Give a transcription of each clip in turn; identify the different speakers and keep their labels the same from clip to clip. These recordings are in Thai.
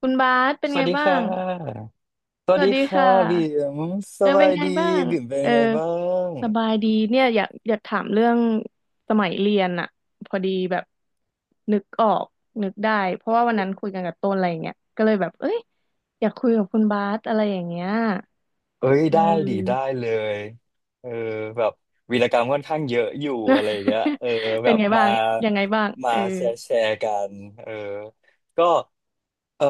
Speaker 1: คุณบาสเป็น
Speaker 2: ส
Speaker 1: ไง
Speaker 2: วัสดี
Speaker 1: บ้า
Speaker 2: ค่
Speaker 1: ง
Speaker 2: ะ ส
Speaker 1: ส
Speaker 2: วัส
Speaker 1: วัส
Speaker 2: ดี
Speaker 1: ดี
Speaker 2: ค่ะ
Speaker 1: ค่
Speaker 2: บิ่
Speaker 1: ะ
Speaker 2: มส
Speaker 1: เออเป็
Speaker 2: บา
Speaker 1: น
Speaker 2: ย
Speaker 1: ไง
Speaker 2: ดี
Speaker 1: บ้าง
Speaker 2: บิ่มเป็น
Speaker 1: เอ
Speaker 2: ยั
Speaker 1: อ
Speaker 2: งไงบ้าง
Speaker 1: สบายดีเนี่ยอยากถามเรื่องสมัยเรียนอะพอดีแบบนึกออกนึกได้เพราะว่าวันนั้นคุยกันกับต้นอะไรอย่างเงี้ยก็เลยแบบเอ้ยอยากคุยกับคุณบาสอะไรอย่างเงี้ย
Speaker 2: เอ้ย
Speaker 1: เอ
Speaker 2: ได้
Speaker 1: อ
Speaker 2: ดิได้เลยเออแบบวีรกรรมค่อนข้างเยอะอยู่อะไรอย่างเงี้ย เออแบ
Speaker 1: เป็น
Speaker 2: บ
Speaker 1: ไงบ้า
Speaker 2: มา
Speaker 1: งยังไงบ้าง
Speaker 2: มา
Speaker 1: เออ
Speaker 2: แชร์กันเออก็เออ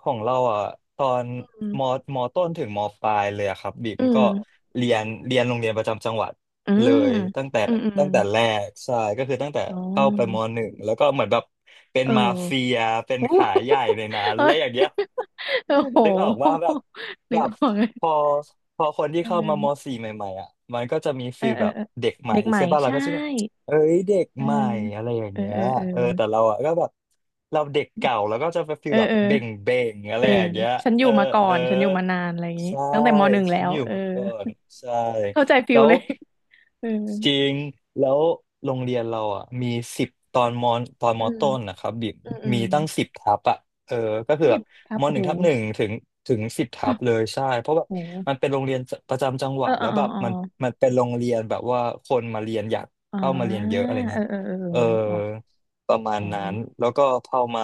Speaker 2: ของเราอ่ะตอน
Speaker 1: อืม
Speaker 2: มมต้นถึงมปลายเลยอะครับบิ๊ม
Speaker 1: อื
Speaker 2: ก็
Speaker 1: ม
Speaker 2: เรียนโรงเรียนประจำจังหวัด
Speaker 1: อื
Speaker 2: เล
Speaker 1: ม
Speaker 2: ยตั้งแต่
Speaker 1: อืมอืม
Speaker 2: ตั้งแต่แรกใช่ก็คือตั้งแต่
Speaker 1: อ๋
Speaker 2: เข้าไปม
Speaker 1: อ
Speaker 2: หนึ่งแล้วก็เหมือนแบบเป็น
Speaker 1: เอ
Speaker 2: มาเฟี
Speaker 1: อ
Speaker 2: ยเป็น
Speaker 1: โอ
Speaker 2: ขายใหญ่
Speaker 1: ้
Speaker 2: ในนั้นอะ
Speaker 1: เอ
Speaker 2: ไรอย่างเงี้ย
Speaker 1: อโอ้โห
Speaker 2: นึกออกว่าแบบแบ
Speaker 1: นึก
Speaker 2: บ
Speaker 1: ออกเลย
Speaker 2: พอพอคนที่
Speaker 1: เอ
Speaker 2: เข้ามา
Speaker 1: อ
Speaker 2: มสี่ใหม่ๆอ่ะมันก็จะมี
Speaker 1: เอ
Speaker 2: ฟี
Speaker 1: อ
Speaker 2: ล
Speaker 1: เออ
Speaker 2: แบบ
Speaker 1: เออ
Speaker 2: เด็กใหม่
Speaker 1: เด็กใหม่
Speaker 2: ใช่ป่ะเรา
Speaker 1: ใช่
Speaker 2: ก็ชื่อเอ้ยเด็ก
Speaker 1: เออ
Speaker 2: ใหม่อะไรอย่าง
Speaker 1: เออ
Speaker 2: เงี้ย
Speaker 1: เออเออ
Speaker 2: เออแต่เราอ่ะก็แบบเราเด็กเก่าแล้วก็จะไปฟี
Speaker 1: เอ
Speaker 2: ล
Speaker 1: อ
Speaker 2: แบบ
Speaker 1: เออ
Speaker 2: เบ่งเบ่งอะไร
Speaker 1: เบ่
Speaker 2: อย่าง
Speaker 1: ง
Speaker 2: เงี้ย
Speaker 1: ฉันอ
Speaker 2: เอ
Speaker 1: ยู่
Speaker 2: อ
Speaker 1: มาก่อ
Speaker 2: เออ
Speaker 1: นฉันอยู่มานานอะไรอย่างนี้
Speaker 2: ใช่
Speaker 1: ตั้งแต่มหนึ่งแล้
Speaker 2: ฉัน
Speaker 1: ว
Speaker 2: อยู่
Speaker 1: เออ
Speaker 2: มาก่อนใช่
Speaker 1: เข้าใจฟิ
Speaker 2: แล้
Speaker 1: ล
Speaker 2: ว
Speaker 1: เลยเออ
Speaker 2: จริงแล้วโรงเรียนเราอ่ะมีสิบตอนม
Speaker 1: อื
Speaker 2: อ
Speaker 1: ม
Speaker 2: ต้นนะครับบิม
Speaker 1: อืมอื
Speaker 2: มี
Speaker 1: ม
Speaker 2: ตั้งสิบทับอ่ะเออก็คือแบ
Speaker 1: สิบ
Speaker 2: บ
Speaker 1: ทับ
Speaker 2: ม
Speaker 1: โอ้
Speaker 2: หนึ่
Speaker 1: โห
Speaker 2: งทับหนึ่งถึงสิบทับเลยใช่เพราะแบบ
Speaker 1: โอ้
Speaker 2: มัน
Speaker 1: โห
Speaker 2: เป็นโรงเรียนประจำจังห
Speaker 1: เอ
Speaker 2: วั
Speaker 1: อ
Speaker 2: ด
Speaker 1: เอ
Speaker 2: แล้
Speaker 1: อ
Speaker 2: ว
Speaker 1: เอ
Speaker 2: แบ
Speaker 1: อ
Speaker 2: บ
Speaker 1: เออ
Speaker 2: มันเป็นโรงเรียนแบบว่าคนมาเรียนอยาก
Speaker 1: อ่า
Speaker 2: เข้ามาเรียนเยอะอะไร
Speaker 1: เอ
Speaker 2: เงี้
Speaker 1: อ
Speaker 2: ย
Speaker 1: เออเออ
Speaker 2: เออ
Speaker 1: นึกออก
Speaker 2: ประ
Speaker 1: โอ้
Speaker 2: มาณ
Speaker 1: โห
Speaker 2: นั้นแล้วก็เข้ามา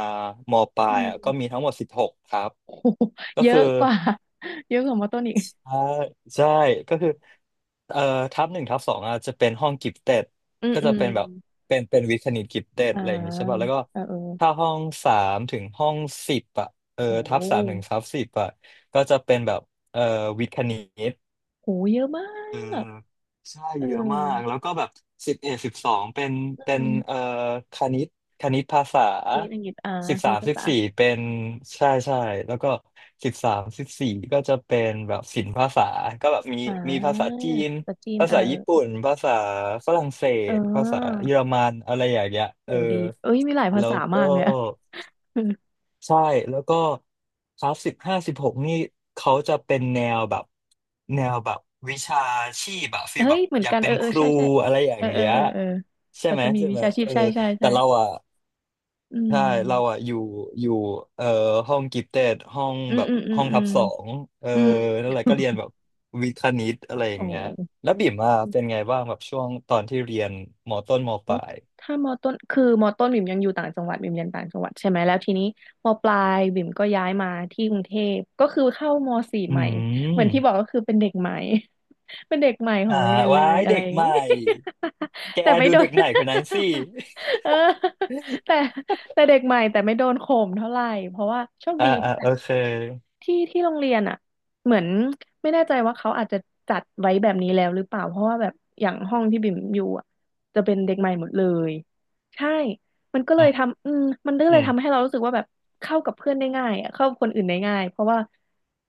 Speaker 2: มปลา
Speaker 1: อื
Speaker 2: ย
Speaker 1: ม
Speaker 2: อ่ะก็มีทั้งหมด16 ทับ
Speaker 1: โอ้โห
Speaker 2: ก็
Speaker 1: เย
Speaker 2: คือ
Speaker 1: อะกว่าเยอะกว่ามาต้นอีก
Speaker 2: อ่าใช่ก็คือเอ่อทับหนึ่งทับสองอ่ะจะเป็นห้องกิฟเต็ด
Speaker 1: อืม
Speaker 2: ก็
Speaker 1: อื
Speaker 2: จะ
Speaker 1: ม
Speaker 2: เป็นแบบเป็นวิทย์คณิตกิฟเต็ด
Speaker 1: อ่า
Speaker 2: อะไรอย่างงี้ใช่ป่ะแล้วก็
Speaker 1: เออเออ
Speaker 2: ถ้าห้องสามถึงห้องสิบอ่ะเออ
Speaker 1: โอ้โ
Speaker 2: ทับสามถึงทับสิบอ่ะก็จะเป็นแบบเอ่อวิทย์คณิต
Speaker 1: หเยอะมา
Speaker 2: เออ
Speaker 1: ก
Speaker 2: ใช่
Speaker 1: เออ
Speaker 2: เยอะมากแล้วก็แบบ11 12เป็นเป็น
Speaker 1: อื
Speaker 2: เอ่อ
Speaker 1: ม
Speaker 2: คณิตคณิตภาษา
Speaker 1: คณิตอังกฤษอ่า
Speaker 2: สิบ
Speaker 1: ค
Speaker 2: สา
Speaker 1: ณิ
Speaker 2: ม
Speaker 1: ต
Speaker 2: สิบ
Speaker 1: ศา
Speaker 2: สี่
Speaker 1: สา
Speaker 2: เป็นใช่ใช่แล้วก็สิบสามสิบสี่ก็จะเป็นแบบศิลปภาษาก็แบบมี
Speaker 1: อ่า
Speaker 2: มีภาษาจีน
Speaker 1: ภาษาจีน
Speaker 2: ภา
Speaker 1: เออ
Speaker 2: ษาญี่ปุ่นภาษาฝรั่งเศ
Speaker 1: เอ
Speaker 2: สภาษา
Speaker 1: อ
Speaker 2: เยอรมันอะไรอย่างเงี้ย
Speaker 1: โห
Speaker 2: เออ
Speaker 1: ดีเอ้ยมีหลายภา
Speaker 2: แล้
Speaker 1: ษา
Speaker 2: วก็
Speaker 1: มากเลยอะ
Speaker 2: ใช่แล้วก็คลาส15 16นี่เขาจะเป็นแนวแบบวิชาชีพแบบฟีล
Speaker 1: เฮ้
Speaker 2: แบ
Speaker 1: ย
Speaker 2: บ
Speaker 1: เหมือ
Speaker 2: อ
Speaker 1: น
Speaker 2: ยาก
Speaker 1: กัน
Speaker 2: เป็
Speaker 1: เอ
Speaker 2: น
Speaker 1: อเอ
Speaker 2: ค
Speaker 1: อ
Speaker 2: รู
Speaker 1: ใช่ใช่
Speaker 2: อะไรอย่า
Speaker 1: เออ
Speaker 2: ง
Speaker 1: เออ
Speaker 2: เงี้ย
Speaker 1: เออเออ
Speaker 2: ใช่
Speaker 1: เขา
Speaker 2: ไหม
Speaker 1: จะมี
Speaker 2: ใช่
Speaker 1: วิ
Speaker 2: ไหม
Speaker 1: ชาชี
Speaker 2: เอ
Speaker 1: พ
Speaker 2: อ
Speaker 1: ใช่ใช่
Speaker 2: แต่
Speaker 1: ใช่
Speaker 2: เราอ่ะ
Speaker 1: อื
Speaker 2: ใช่เราอ่ะ
Speaker 1: ม
Speaker 2: อยู่ห้องกิฟเต็ดห้อง
Speaker 1: อื
Speaker 2: แบ
Speaker 1: ม
Speaker 2: บ
Speaker 1: อืมอื
Speaker 2: ห้
Speaker 1: ม
Speaker 2: อง
Speaker 1: อื
Speaker 2: ทับ
Speaker 1: ม
Speaker 2: สองเออ
Speaker 1: อืม
Speaker 2: แล้วอะไรก็เรียนแบบวิทย์คณิตอะไรอย่า
Speaker 1: โอ
Speaker 2: งเงี้ย
Speaker 1: ้
Speaker 2: แล้วบิ่มอ่ะเป็นไงบ้างแบบช่วงตอนที่เรียนมต้นมป
Speaker 1: อ๋อ
Speaker 2: ลาย
Speaker 1: ถ้ามอต้นคือมอต้นบิ่มยังอยู่ต่างจังหวัดบิ่มเรียนต่างจังหวัดใช่ไหมแล้วทีนี้มอปลายบิ่มก็ย้ายมาที่กรุงเทพก็คือเข้ามอสี่
Speaker 2: อื
Speaker 1: ใหม่เหมือนที่บอก
Speaker 2: ม
Speaker 1: ก็คือเป็นเด็กใหม่ เป็นเด็กใหม่ขอ
Speaker 2: อ่า
Speaker 1: งโรงเรียนเล
Speaker 2: ว้า
Speaker 1: ย
Speaker 2: ย
Speaker 1: อะ
Speaker 2: เด็
Speaker 1: ไร
Speaker 2: ก
Speaker 1: อย่าง
Speaker 2: ให
Speaker 1: นี้
Speaker 2: ม่ แก
Speaker 1: แต่ไม่
Speaker 2: ดู
Speaker 1: โด
Speaker 2: เด็
Speaker 1: น
Speaker 2: กใหม่คนนั้นสิ
Speaker 1: เออแต่ เด็กใหม่แต่ไม่โดนข่มเท่าไหร่เพราะว่าโชค
Speaker 2: อ่า
Speaker 1: ดี
Speaker 2: อ่าโอเค
Speaker 1: ที่โรงเรียนอ่ะเหมือนไม่แน่ใจว่าเขาอาจจะจัดไว้แบบนี้แล้วหรือเปล่าเพราะว่าแบบอย่างห้องที่บิ่มอยู่อ่ะจะเป็นเด็กใหม่หมดเลยใช่มันก็เล
Speaker 2: อื
Speaker 1: ย
Speaker 2: ม
Speaker 1: ทำมันก็
Speaker 2: อื
Speaker 1: เลย
Speaker 2: ม
Speaker 1: ทำให้เรารู้สึกว่าแบบเข้ากับเพื่อนได้ง่ายอะเข้ากับคนอื่นได้ง่ายเพราะว่า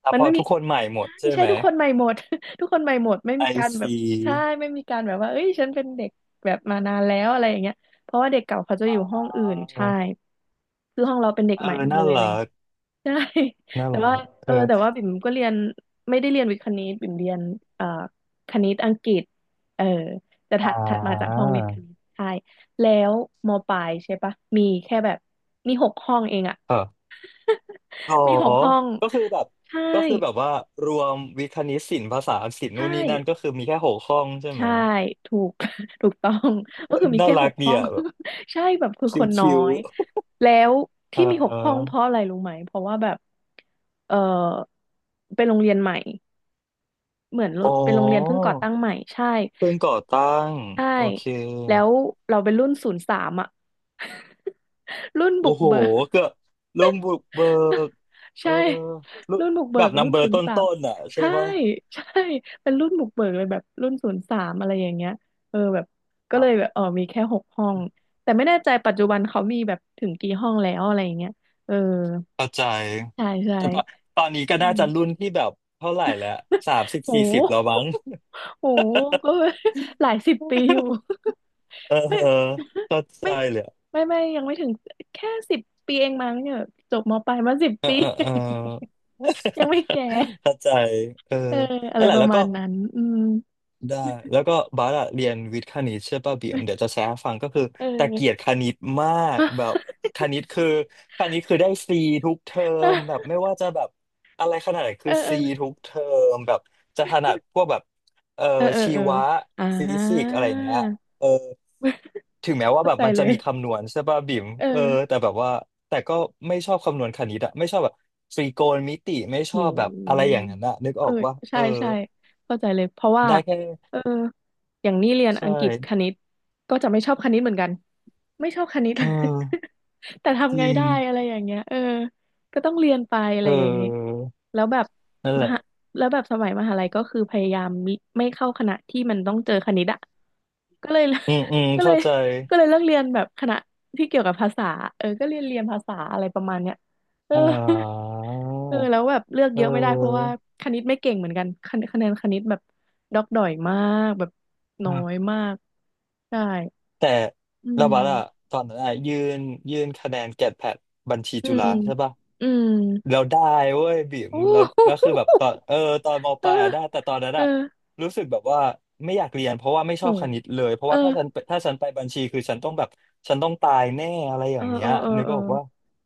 Speaker 2: อ่ะ
Speaker 1: มั
Speaker 2: พ
Speaker 1: น
Speaker 2: อ
Speaker 1: ไม่มี
Speaker 2: ทุกคนใหม่หม
Speaker 1: ใช่
Speaker 2: ดใช่
Speaker 1: ใช่
Speaker 2: ไหม
Speaker 1: ทุกคนใหม่หมด ทุกคนใหม่หมดไม่
Speaker 2: ไอ
Speaker 1: มีการแบ
Speaker 2: ซี
Speaker 1: บใช่ไม่มีการแบบว่าเอ้ยฉันเป็นเด็กแบบมานานแล้วอะไรอย่างเงี้ยเพราะว่าเด็กเก่าเขาจะ
Speaker 2: อ
Speaker 1: อยู่ห้อ
Speaker 2: ่า
Speaker 1: งอื่นใช่คือห้องเราเป็นเด็ก
Speaker 2: เออ
Speaker 1: ใหม่หมด
Speaker 2: น่า
Speaker 1: เลยอะ
Speaker 2: รั
Speaker 1: ไร
Speaker 2: ก
Speaker 1: ใช่
Speaker 2: น่า
Speaker 1: แต่
Speaker 2: รั
Speaker 1: ว่า
Speaker 2: กเอ
Speaker 1: เออ
Speaker 2: อ
Speaker 1: แต่ว่าบิ่มก็เรียนไม่ได้เรียนวิทย์คณิตบิ่มเรียนเอ่อคณิตอังกฤษเออแต่
Speaker 2: อ่
Speaker 1: ถัดมาจาก
Speaker 2: า
Speaker 1: ห้องวิทย์คณิตใช่แล้วมปลายใช่ปะมีแค่แบบมีหกห้องเองอะ
Speaker 2: เออโอ
Speaker 1: มีหกห้อง
Speaker 2: ก็คือแบบ
Speaker 1: ใช่
Speaker 2: ก็คือแบบว่ารวมวิทย์คณิตศิลป์ภาษาอังกฤษนู่
Speaker 1: ใช่
Speaker 2: นนี่นั่นก็คือมีแค่6 ห้องใช่ไหม
Speaker 1: ใช่ถูก ถูกต้อง
Speaker 2: เอ
Speaker 1: ก็
Speaker 2: อ
Speaker 1: คือมี
Speaker 2: น่า
Speaker 1: แค่
Speaker 2: รั
Speaker 1: ห
Speaker 2: ก
Speaker 1: ก
Speaker 2: ดี
Speaker 1: ห้อง
Speaker 2: อ่ะแบบ
Speaker 1: ใช่แบบคือค
Speaker 2: คิ้ว
Speaker 1: นน้อ
Speaker 2: คิว
Speaker 1: ยแล้ว
Speaker 2: อ่
Speaker 1: ที่มีหกห้องเพ
Speaker 2: า
Speaker 1: ราะอะไรรู้ไหมเพราะว่าแบบเออเป็นโรงเรียนใหม่ เหมือน
Speaker 2: อ๋อ
Speaker 1: เป็นโรงเรียนเพิ่งก่อตั้งใหม่ใช่
Speaker 2: เพิ่งก่อตั้ง
Speaker 1: ใช่
Speaker 2: โอเค
Speaker 1: แล้วเราเป็นรุ่นศูนย์สามอ่ะ รุ่น
Speaker 2: โอ้
Speaker 1: บุก
Speaker 2: โห
Speaker 1: เบิก
Speaker 2: เกือบลุงบุกเบิก เอ
Speaker 1: ใช่
Speaker 2: อลุ
Speaker 1: รุ่นบุกเบิ
Speaker 2: แบบ
Speaker 1: ก
Speaker 2: นัม
Speaker 1: รุ่น
Speaker 2: เบอ
Speaker 1: ศู
Speaker 2: ร์
Speaker 1: น
Speaker 2: ต
Speaker 1: ย์สา
Speaker 2: ้
Speaker 1: ม
Speaker 2: นๆอ่ะใช่
Speaker 1: ใช่
Speaker 2: ปะ
Speaker 1: ใช่เป็นรุ่นบุกเบิกเลยแบบรุ่นศูนย์สามอะไรอย่างเงี้ยเออแบบก็
Speaker 2: อ่
Speaker 1: เลยแบ
Speaker 2: า
Speaker 1: บเออมีแค่หกห้องแต่ไม่แน่ใจปัจจุบันเขามีแบบถึงกี่ห้องแล้วอะไรอย่างเงี้ยเออ
Speaker 2: เข้าใจ
Speaker 1: ใช่ใช่
Speaker 2: แต่ตอนนี้
Speaker 1: อื
Speaker 2: ก็น่า
Speaker 1: ม
Speaker 2: จะรุ่นที่แบบเท่าไหร่แล้ว สามสิบ
Speaker 1: โ
Speaker 2: สี่สิบแล้ว
Speaker 1: ห
Speaker 2: มั้ง
Speaker 1: โหก็ หลายสิบปีอยู่
Speaker 2: เออ
Speaker 1: ไม่
Speaker 2: เออเข้าใจ
Speaker 1: ไม่
Speaker 2: เลยอะ
Speaker 1: ไม่ไม่ยังไม่ถึงแค่สิบปีเองมั้งเนี่ยจบมปลายมาสิบ
Speaker 2: เออ
Speaker 1: ปี
Speaker 2: เออเออ
Speaker 1: ยัง ไม่แก่
Speaker 2: เข้าใจเออ
Speaker 1: เอออะ
Speaker 2: นั่
Speaker 1: ไร
Speaker 2: นแห
Speaker 1: ป
Speaker 2: ละ
Speaker 1: ระ
Speaker 2: แล้ว
Speaker 1: มา
Speaker 2: ก็
Speaker 1: ณนั้นอืม
Speaker 2: ได้แล้วก็บาสอะเรียนวิทย์คณิตใช่ป่ะบิ่มเดี๋ยวจะแชร์ให้ฟังก็คือ
Speaker 1: เ
Speaker 2: แต่เกลียด
Speaker 1: ออ
Speaker 2: คณิตมากแบบคณิตคือคณิตคือได้ซีทุกเทอมแบบไม่ว่าจะแบบอะไรขนาดไหน
Speaker 1: เอ
Speaker 2: คื
Speaker 1: อ
Speaker 2: อ
Speaker 1: เออ
Speaker 2: ซีทุกเทอมแบบจะถนัดพวกแบบเอ่อ
Speaker 1: เออเออ
Speaker 2: ชี
Speaker 1: เออ
Speaker 2: วะ
Speaker 1: อ่า
Speaker 2: ฟิสิกส์อะไรอย่างเงี้ยเออถึงแม้ว่า
Speaker 1: เข้า
Speaker 2: แบบ
Speaker 1: ใจ
Speaker 2: มัน
Speaker 1: เล
Speaker 2: จะ
Speaker 1: ย
Speaker 2: มีคำนวณใช่ป่ะบิ่ม
Speaker 1: เออ
Speaker 2: เออแต่แบบว่าแต่ก็ไม่ชอบคำนวณคณิตอะไม่ชอบแบบตรีโกณมิติไม่ช
Speaker 1: อื
Speaker 2: อบแบบอะไรอ
Speaker 1: ม
Speaker 2: ย่างนั้นอะนึก
Speaker 1: เอ
Speaker 2: ออ
Speaker 1: อ
Speaker 2: กว่าเอ
Speaker 1: ใช่
Speaker 2: อ
Speaker 1: ใช่เข้าใจเลยเพราะว่า
Speaker 2: ได้แค่
Speaker 1: เอออย่างนี้เรียน
Speaker 2: ใช่
Speaker 1: อังกฤษคณิตก็จะไม่ชอบคณิตเหมือนกันไม่ชอบคณิต
Speaker 2: เออ
Speaker 1: แต่
Speaker 2: จ
Speaker 1: ทำไง
Speaker 2: ริง
Speaker 1: ได้อะไรอย่างเงี้ยเออก็ต้องเรียนไปอะ
Speaker 2: เอ
Speaker 1: ไรอย่างเงี้ย
Speaker 2: อ
Speaker 1: แล้วแบบ
Speaker 2: นั่น
Speaker 1: ม
Speaker 2: แหละ
Speaker 1: หาแล้วแบบสมัยมหาลัยก็คือพยายามมิไม่เข้าคณะที่มันต้องเจอคณิตอ่ะก็เลย
Speaker 2: อืมอืม
Speaker 1: ก็เล
Speaker 2: เข้า
Speaker 1: ย
Speaker 2: ใจ
Speaker 1: เลิกเรียนแบบคณะที่เกี่ยวกับภาษาเออก็เรียนภาษาอะไรประมาณเนี้ย เออ
Speaker 2: อ่า
Speaker 1: เออแล้วแบบเลือก
Speaker 2: เ
Speaker 1: เยอะไม่ได้เพราะว่า
Speaker 2: ออ
Speaker 1: คณิตไม่เก่งเหมือนกันคะแนนคณิตแบบดอกดอยมากแบบน้อยมากใช่
Speaker 2: แต่
Speaker 1: อื
Speaker 2: ระบั
Speaker 1: ม
Speaker 2: ดอะตอนนั้นอะยื่นคะแนนแกดแพดบัญชี
Speaker 1: อื
Speaker 2: จุฬา
Speaker 1: ม
Speaker 2: ใช่ปะ
Speaker 1: อืม
Speaker 2: เราได้เว้ยบิ่ ม
Speaker 1: อู้
Speaker 2: เรา
Speaker 1: หู
Speaker 2: แล้วคือแบบตอนม
Speaker 1: เอ
Speaker 2: ป
Speaker 1: อ
Speaker 2: ลายอะได้แต่ตอนนั้น
Speaker 1: เออ
Speaker 2: อะรู้สึกแบบว่าไม่อยากเรียนเพราะว่าไม่ช
Speaker 1: โห
Speaker 2: อบคณิตเลยเพราะ
Speaker 1: เออ
Speaker 2: ว่าถ้าฉันไปบัญชีคือฉันต้องแบบฉันต้องตายแน่อะไรอ
Speaker 1: เอ
Speaker 2: ย่า
Speaker 1: อ
Speaker 2: งเงี้
Speaker 1: เอ
Speaker 2: ย
Speaker 1: อเออ
Speaker 2: นึก
Speaker 1: เออ
Speaker 2: ออกว่า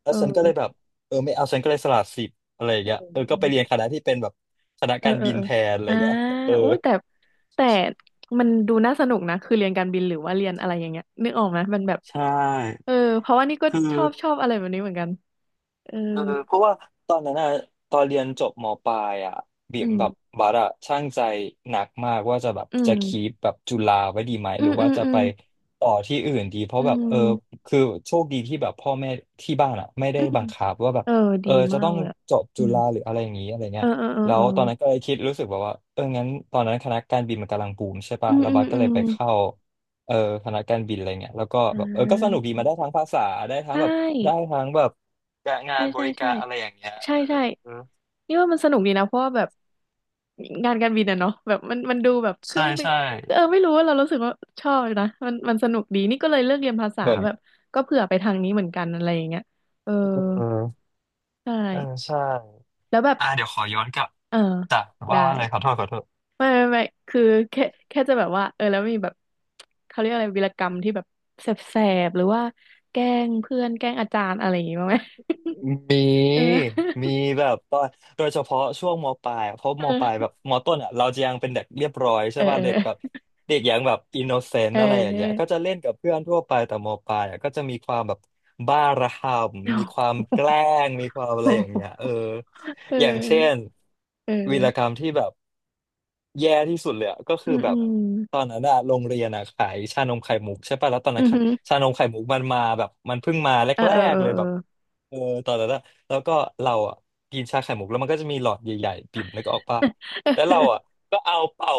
Speaker 2: แล้
Speaker 1: เอ
Speaker 2: ว
Speaker 1: อ
Speaker 2: ฉันก็เลยแบบเออไม่เอาฉันก็เลยสละสิทธิ์อะไรอย่าง
Speaker 1: โ
Speaker 2: เงี้ยเออก็ไป
Speaker 1: ห
Speaker 2: เรียนคณะที่เป็นแบบคณะ
Speaker 1: เออ
Speaker 2: การ
Speaker 1: เออ
Speaker 2: บิน
Speaker 1: เออ
Speaker 2: แทนอะไรอ
Speaker 1: อ่า
Speaker 2: ย่างเงี้ยเออ
Speaker 1: อุ้ยแต่แต่มันดูน่าสนุกนะคือเรียนการบินหรือว่าเรียนอะไรอย่างเงี้ยนึกออกไหมมันแบบ
Speaker 2: ใช่
Speaker 1: เออเพราะว่านี่ก็
Speaker 2: คื
Speaker 1: ช
Speaker 2: อ
Speaker 1: อบอะไรแบบนี้เหมือนกัน เออ
Speaker 2: เพราะว่าตอนนั้นอะตอนเรียนจบมปลายอะบิ่
Speaker 1: อื
Speaker 2: ม
Speaker 1: ม
Speaker 2: แบบบัสอะช่างใจหนักมากว่าจะแบบ
Speaker 1: อื
Speaker 2: จะคีป
Speaker 1: ม
Speaker 2: แบบจุฬาไว้ดีไหม
Speaker 1: อื
Speaker 2: หรือ
Speaker 1: มอื
Speaker 2: ว่า
Speaker 1: ม
Speaker 2: จะ
Speaker 1: อื
Speaker 2: ไป
Speaker 1: ม
Speaker 2: ต่อที่อื่นดีเพราะ
Speaker 1: อื
Speaker 2: แบบ
Speaker 1: ม
Speaker 2: คือโชคดีที่แบบพ่อแม่ที่บ้านอะไม่ได้
Speaker 1: อืม
Speaker 2: บังคับว่าแบบ
Speaker 1: เออ ดี
Speaker 2: จะ
Speaker 1: มา
Speaker 2: ต้
Speaker 1: ก
Speaker 2: อง
Speaker 1: เลยอะ
Speaker 2: จบ
Speaker 1: อื
Speaker 2: จุ
Speaker 1: ม
Speaker 2: ฬาหรืออะไรอย่างนี้อะไร
Speaker 1: เอ
Speaker 2: เงี้
Speaker 1: อ
Speaker 2: ย
Speaker 1: เออเออ
Speaker 2: แล้
Speaker 1: เอ
Speaker 2: ว
Speaker 1: อ
Speaker 2: ตอนนั้นก็เลยคิดรู้สึกแบบว่างั้นตอนนั้นคณะการบินมันกำลังบูมใช่ปะ
Speaker 1: อืม
Speaker 2: แล้ว
Speaker 1: อื
Speaker 2: บั
Speaker 1: ม
Speaker 2: สก็
Speaker 1: อื
Speaker 2: เลย
Speaker 1: ม
Speaker 2: ไปเข้าเออคณะการบินอะไรเงี้ยแล้วก็
Speaker 1: อ่
Speaker 2: แบบก็สนุก
Speaker 1: า
Speaker 2: ดีมาได้ทั้งภาษาได้ทั้
Speaker 1: ใช
Speaker 2: งแบบได้
Speaker 1: ่
Speaker 2: ทั้งแบบ จะงา
Speaker 1: ใช่
Speaker 2: นบ
Speaker 1: ใช่
Speaker 2: ริกา
Speaker 1: ใช่
Speaker 2: รอะไรอย่างเงี้ย
Speaker 1: ใช่ใช่นี่ว่ามันสนุกดีนะ เพราะว่าแบบงานการบินอะเนาะแบบมันดูแบบเค
Speaker 2: ใช่
Speaker 1: รื่องบิน
Speaker 2: ใช่
Speaker 1: เออไม่รู้ว่าเรารู้สึกว่าชอบนะ มันสนุกดี นี่ก็เลยเลือกเรียนภาษา
Speaker 2: เหมือน
Speaker 1: แบบก็เผื่อไปทางนี้เหมือนกันอะไรอย่างเงี้ยเออ
Speaker 2: เออ
Speaker 1: ใช
Speaker 2: เออ
Speaker 1: ่
Speaker 2: ใช่
Speaker 1: แล้วแบบ
Speaker 2: อ่าเดี๋ยวขอย้อนกลับ
Speaker 1: เออ
Speaker 2: จากว่า
Speaker 1: ได้
Speaker 2: ว่าอะไรขอโทษขอโทษ
Speaker 1: ไม่ไม่ไม่ คือแค่จะแบบว่าเออแล้วมีแบบเขาเรียกอะไรวีรกรรมที่แบบแสบๆหรือว่าแกล้งเพื่อนแกล้งอาจารย์อะไรอย่างงี้บ้างไหม
Speaker 2: มีมีแบบตอนโดยเฉพาะช่วงมปลายอะเพราะ
Speaker 1: เอ
Speaker 2: ม
Speaker 1: อ
Speaker 2: ปลายแบบ
Speaker 1: เ
Speaker 2: มต้นอ่ะเราจะยังเป็นเด็กเรียบร้อยใช่
Speaker 1: อ
Speaker 2: ป่ะเด็กแบบ
Speaker 1: อ
Speaker 2: เด็กยังแบบอินโนเซน
Speaker 1: เอ
Speaker 2: ต์
Speaker 1: อ
Speaker 2: อะไรอย่า
Speaker 1: เอ
Speaker 2: ง
Speaker 1: อเอ
Speaker 2: เงี้ยก็
Speaker 1: อ
Speaker 2: จะเล่นกับเพื่อนทั่วไปแต่มปลายอ่ะก็จะมีความแบบบ้าระห่ำมีความแกล้งมีความอะไรอย่างเงี้ยอย่างเช่
Speaker 1: เ
Speaker 2: นวีรกร
Speaker 1: ออ
Speaker 2: รมที่แบบแย่ที่สุดเลยอะก็
Speaker 1: อื
Speaker 2: คือ
Speaker 1: ม
Speaker 2: แบ
Speaker 1: อื
Speaker 2: บ
Speaker 1: ม
Speaker 2: ตอนนั้นอะโรงเรียนอะขายชานมไข่มุกใช่ป่ะแล้วตอน
Speaker 1: อื
Speaker 2: นั้นค่ะ
Speaker 1: ม
Speaker 2: ชานมไข่มุกมันมาแบบมันเพิ่งมาแร
Speaker 1: เออเออ
Speaker 2: ก
Speaker 1: เอ
Speaker 2: ๆ
Speaker 1: อ
Speaker 2: เลย
Speaker 1: เอ
Speaker 2: แบ
Speaker 1: อ
Speaker 2: บ เออตอนนั้นอะแล้วก็เราอะกินชาไข่มุกแล้วมันก็จะมีหลอดใหญ่ๆปิ่มแล้วก็ออกปะแล้วเราอะก็เอาเป่า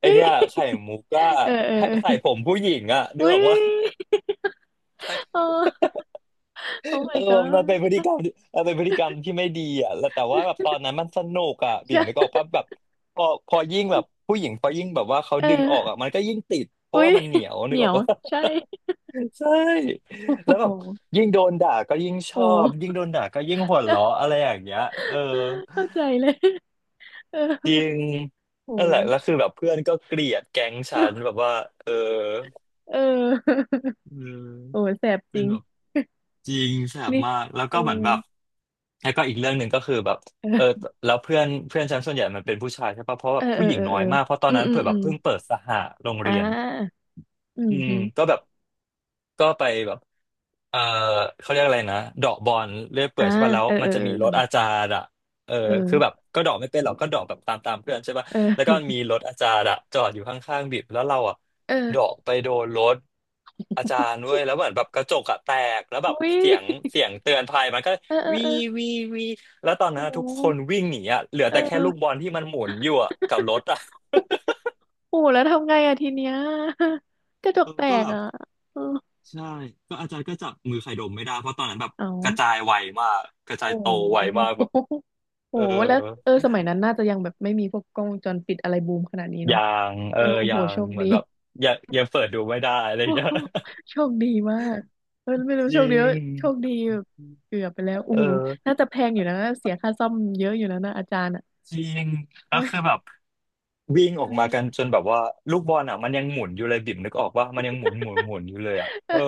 Speaker 2: ไอ
Speaker 1: เฮ้
Speaker 2: เนี้ยไข่
Speaker 1: ย
Speaker 2: มุกก็
Speaker 1: เออเออ
Speaker 2: ใส่ผมผู้หญิงอะนึ
Speaker 1: อุ้
Speaker 2: กออ
Speaker 1: ย
Speaker 2: กว่า
Speaker 1: โอ้ Oh
Speaker 2: เออ
Speaker 1: my
Speaker 2: มัน
Speaker 1: god
Speaker 2: เป็นพฤติกรรมที่มันเป็นพฤติกรรมที่ไม่ดีอะแล้วแต่ว่าแบบตอนนั้นมันสนุกอะ
Speaker 1: ใช
Speaker 2: บิ่มนึกอ
Speaker 1: ่
Speaker 2: อกปะแบบพอยิ่งแบบผู้หญิงพอยิ่งแบบว่าเขา
Speaker 1: เ
Speaker 2: ดึงออกอะ
Speaker 1: ออ
Speaker 2: มันก็ยิ่งติดเพ
Speaker 1: อุ้
Speaker 2: ราะว่า
Speaker 1: ย
Speaker 2: มันเหนียว
Speaker 1: เห
Speaker 2: นึ
Speaker 1: นี
Speaker 2: กอ
Speaker 1: ย
Speaker 2: อก
Speaker 1: ว
Speaker 2: ว่า
Speaker 1: ใช่
Speaker 2: ใช่
Speaker 1: โอ
Speaker 2: แล้
Speaker 1: ้
Speaker 2: วแบ
Speaker 1: โห
Speaker 2: บยิ่งโดนด่าก็ยิ่งช
Speaker 1: โอ้
Speaker 2: อบยิ่งโดนด่าก็ยิ่งหัวเราะอะไรอย่างเงี้ยเออ
Speaker 1: เข้าใจเลย เออ
Speaker 2: จริง
Speaker 1: โห
Speaker 2: นั่นแหละแล้วคือแบบเพื่อนก็เกลียดแก๊งฉันแบบว่าเออ
Speaker 1: เออ
Speaker 2: เ
Speaker 1: โอ้
Speaker 2: ออ
Speaker 1: แสบจ
Speaker 2: เป็
Speaker 1: ริ
Speaker 2: น
Speaker 1: ง
Speaker 2: แบบจริงแสบ
Speaker 1: นี่
Speaker 2: มากแล้ว
Speaker 1: เอ
Speaker 2: ก็
Speaker 1: อ
Speaker 2: เหมือนแบบแล้วก็อีกเรื่องหนึ่งก็คือแบบเออ แล้วเพื่อนเพื่อนฉันส่วนใหญ่มันเป็นผู้ชายใช่ปะเพราะ
Speaker 1: เอ
Speaker 2: แบ
Speaker 1: อ
Speaker 2: บ
Speaker 1: เอ
Speaker 2: ผู้
Speaker 1: อ
Speaker 2: หญิ
Speaker 1: เอ
Speaker 2: ง
Speaker 1: อ
Speaker 2: น้อ
Speaker 1: เอ
Speaker 2: ย
Speaker 1: อ
Speaker 2: มากเพราะตอ
Speaker 1: เออ
Speaker 2: น
Speaker 1: อืม
Speaker 2: นั้น
Speaker 1: อืม
Speaker 2: เผื่อ
Speaker 1: อื
Speaker 2: แบบ
Speaker 1: ม
Speaker 2: เพิ่งเปิดสหโรง
Speaker 1: อ่
Speaker 2: เรียน
Speaker 1: าอืม
Speaker 2: อืม
Speaker 1: อืม
Speaker 2: ก็แบบก็ไปแบบ เออเขาเรียกอะไรนะเดาะบอลเลื่อยเปื่
Speaker 1: อ่า
Speaker 2: อยใช่ป่ะแล้ว
Speaker 1: เออ
Speaker 2: มั
Speaker 1: เอ
Speaker 2: นจะมีรถ
Speaker 1: อ
Speaker 2: อาจารย์อ่ะเออ
Speaker 1: เ
Speaker 2: คือแบบ
Speaker 1: ออ
Speaker 2: ก็เดาะไม่เป็นหรอกก็เดาะแบบตามเพื่อนใช่ป่ะแล้วก็
Speaker 1: เออ
Speaker 2: มีรถอาจารย์อ่ะจอดอยู่ข้างๆบิบแล้วเราอ่ะ
Speaker 1: เออ
Speaker 2: เดาะ
Speaker 1: เออ
Speaker 2: ไปโดนรถอาจารย์ด้วยแล้วเหมือนแบบกระจกอะแตกแล้ว แบ
Speaker 1: อุ้
Speaker 2: บ
Speaker 1: ย
Speaker 2: เสียงเตือนภัยมันก็
Speaker 1: เออเออ
Speaker 2: วี
Speaker 1: เออ
Speaker 2: วีวีแล้วตอน
Speaker 1: โอ
Speaker 2: นั้นอะทุกคน
Speaker 1: ้
Speaker 2: วิ่งหนีอ่ะเหลือ
Speaker 1: เอ
Speaker 2: แต่แค่
Speaker 1: อ
Speaker 2: ลูกบอลที่มันหมุนอยู่อะกับรถ อ่ะ
Speaker 1: โอ้แล้วทำไงอะทีเนี้ย กระจกแต
Speaker 2: ก็
Speaker 1: ก
Speaker 2: แบบ
Speaker 1: อะเออ
Speaker 2: ใช่ก็อาจารย์ก็จับมือใครดมไม่ได้เพราะตอนนั้นแบบ
Speaker 1: เอา
Speaker 2: กระจายไวมากกระจาย
Speaker 1: โอ้
Speaker 2: โต
Speaker 1: โ
Speaker 2: ไวมาก
Speaker 1: ห
Speaker 2: แบบ
Speaker 1: โอ้
Speaker 2: เออ
Speaker 1: โห แล้วเออสมัยนั้นน่าจะยังแบบไม่มีพวกกล้องวงจรปิดอะไรบูมขนาดนี้เนาะ
Speaker 2: ยางเอ
Speaker 1: เอ
Speaker 2: อ
Speaker 1: อโอ้โห
Speaker 2: ยาง
Speaker 1: โชค
Speaker 2: เหมือ
Speaker 1: ดี
Speaker 2: นแบบ ยังเปิดดูไม่ได้อะไรอย่า
Speaker 1: โอ้
Speaker 2: งเงี้ย
Speaker 1: โหโชคดีมากเออ ไม่รู้
Speaker 2: จ
Speaker 1: โช
Speaker 2: ริ
Speaker 1: คดีว่า
Speaker 2: ง
Speaker 1: โชคดีแบบเกือบไปแล้วโอ้
Speaker 2: เออ
Speaker 1: โหน่าจะแพงอยู่นะเสียค่าซ่อมเยอะอยู่นะนะอาจารย์อ่ะ
Speaker 2: จริงแล้
Speaker 1: โอ้
Speaker 2: ว
Speaker 1: ย
Speaker 2: คือแบบวิ่งอ อกมากัน
Speaker 1: เออ
Speaker 2: จนแบบว่าลูกบอลอ่ะมันยังหมุนอยู่เลยบิ่มนึกออกว่ามันยังหมุนอยู่เลยอ่ะ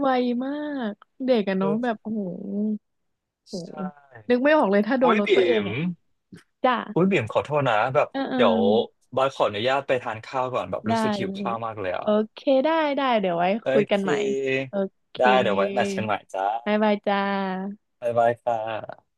Speaker 1: ไวมากเด็กอะเนาะแบ
Speaker 2: เออ
Speaker 1: บโอ้โหโอ้โห
Speaker 2: ใช่
Speaker 1: นึกไม่ออกเลยถ้าโด
Speaker 2: โอ้
Speaker 1: น
Speaker 2: ย
Speaker 1: รถ
Speaker 2: บิ่
Speaker 1: ตัวเอง
Speaker 2: ม
Speaker 1: อ่ะจ้า
Speaker 2: อุ้ยบิ่มขอโทษนะแบบ
Speaker 1: เออเออ
Speaker 2: เดี๋ยวบอยขออนุญาตไปทานข้าวก่อนแบบ
Speaker 1: ได้
Speaker 2: รู้สึกหิว
Speaker 1: เลย
Speaker 2: ข้าวมากเลยอ่ะ
Speaker 1: โอเคได้ได้เดี๋ยวไว้
Speaker 2: โอ
Speaker 1: คุย
Speaker 2: เ
Speaker 1: กันใหม่
Speaker 2: ค
Speaker 1: โอเค
Speaker 2: ได้เดี๋ยวไว้แมทช์กันใหม่จ้า
Speaker 1: บ๊ายบายจ้า
Speaker 2: บ๊ายบายค่ะ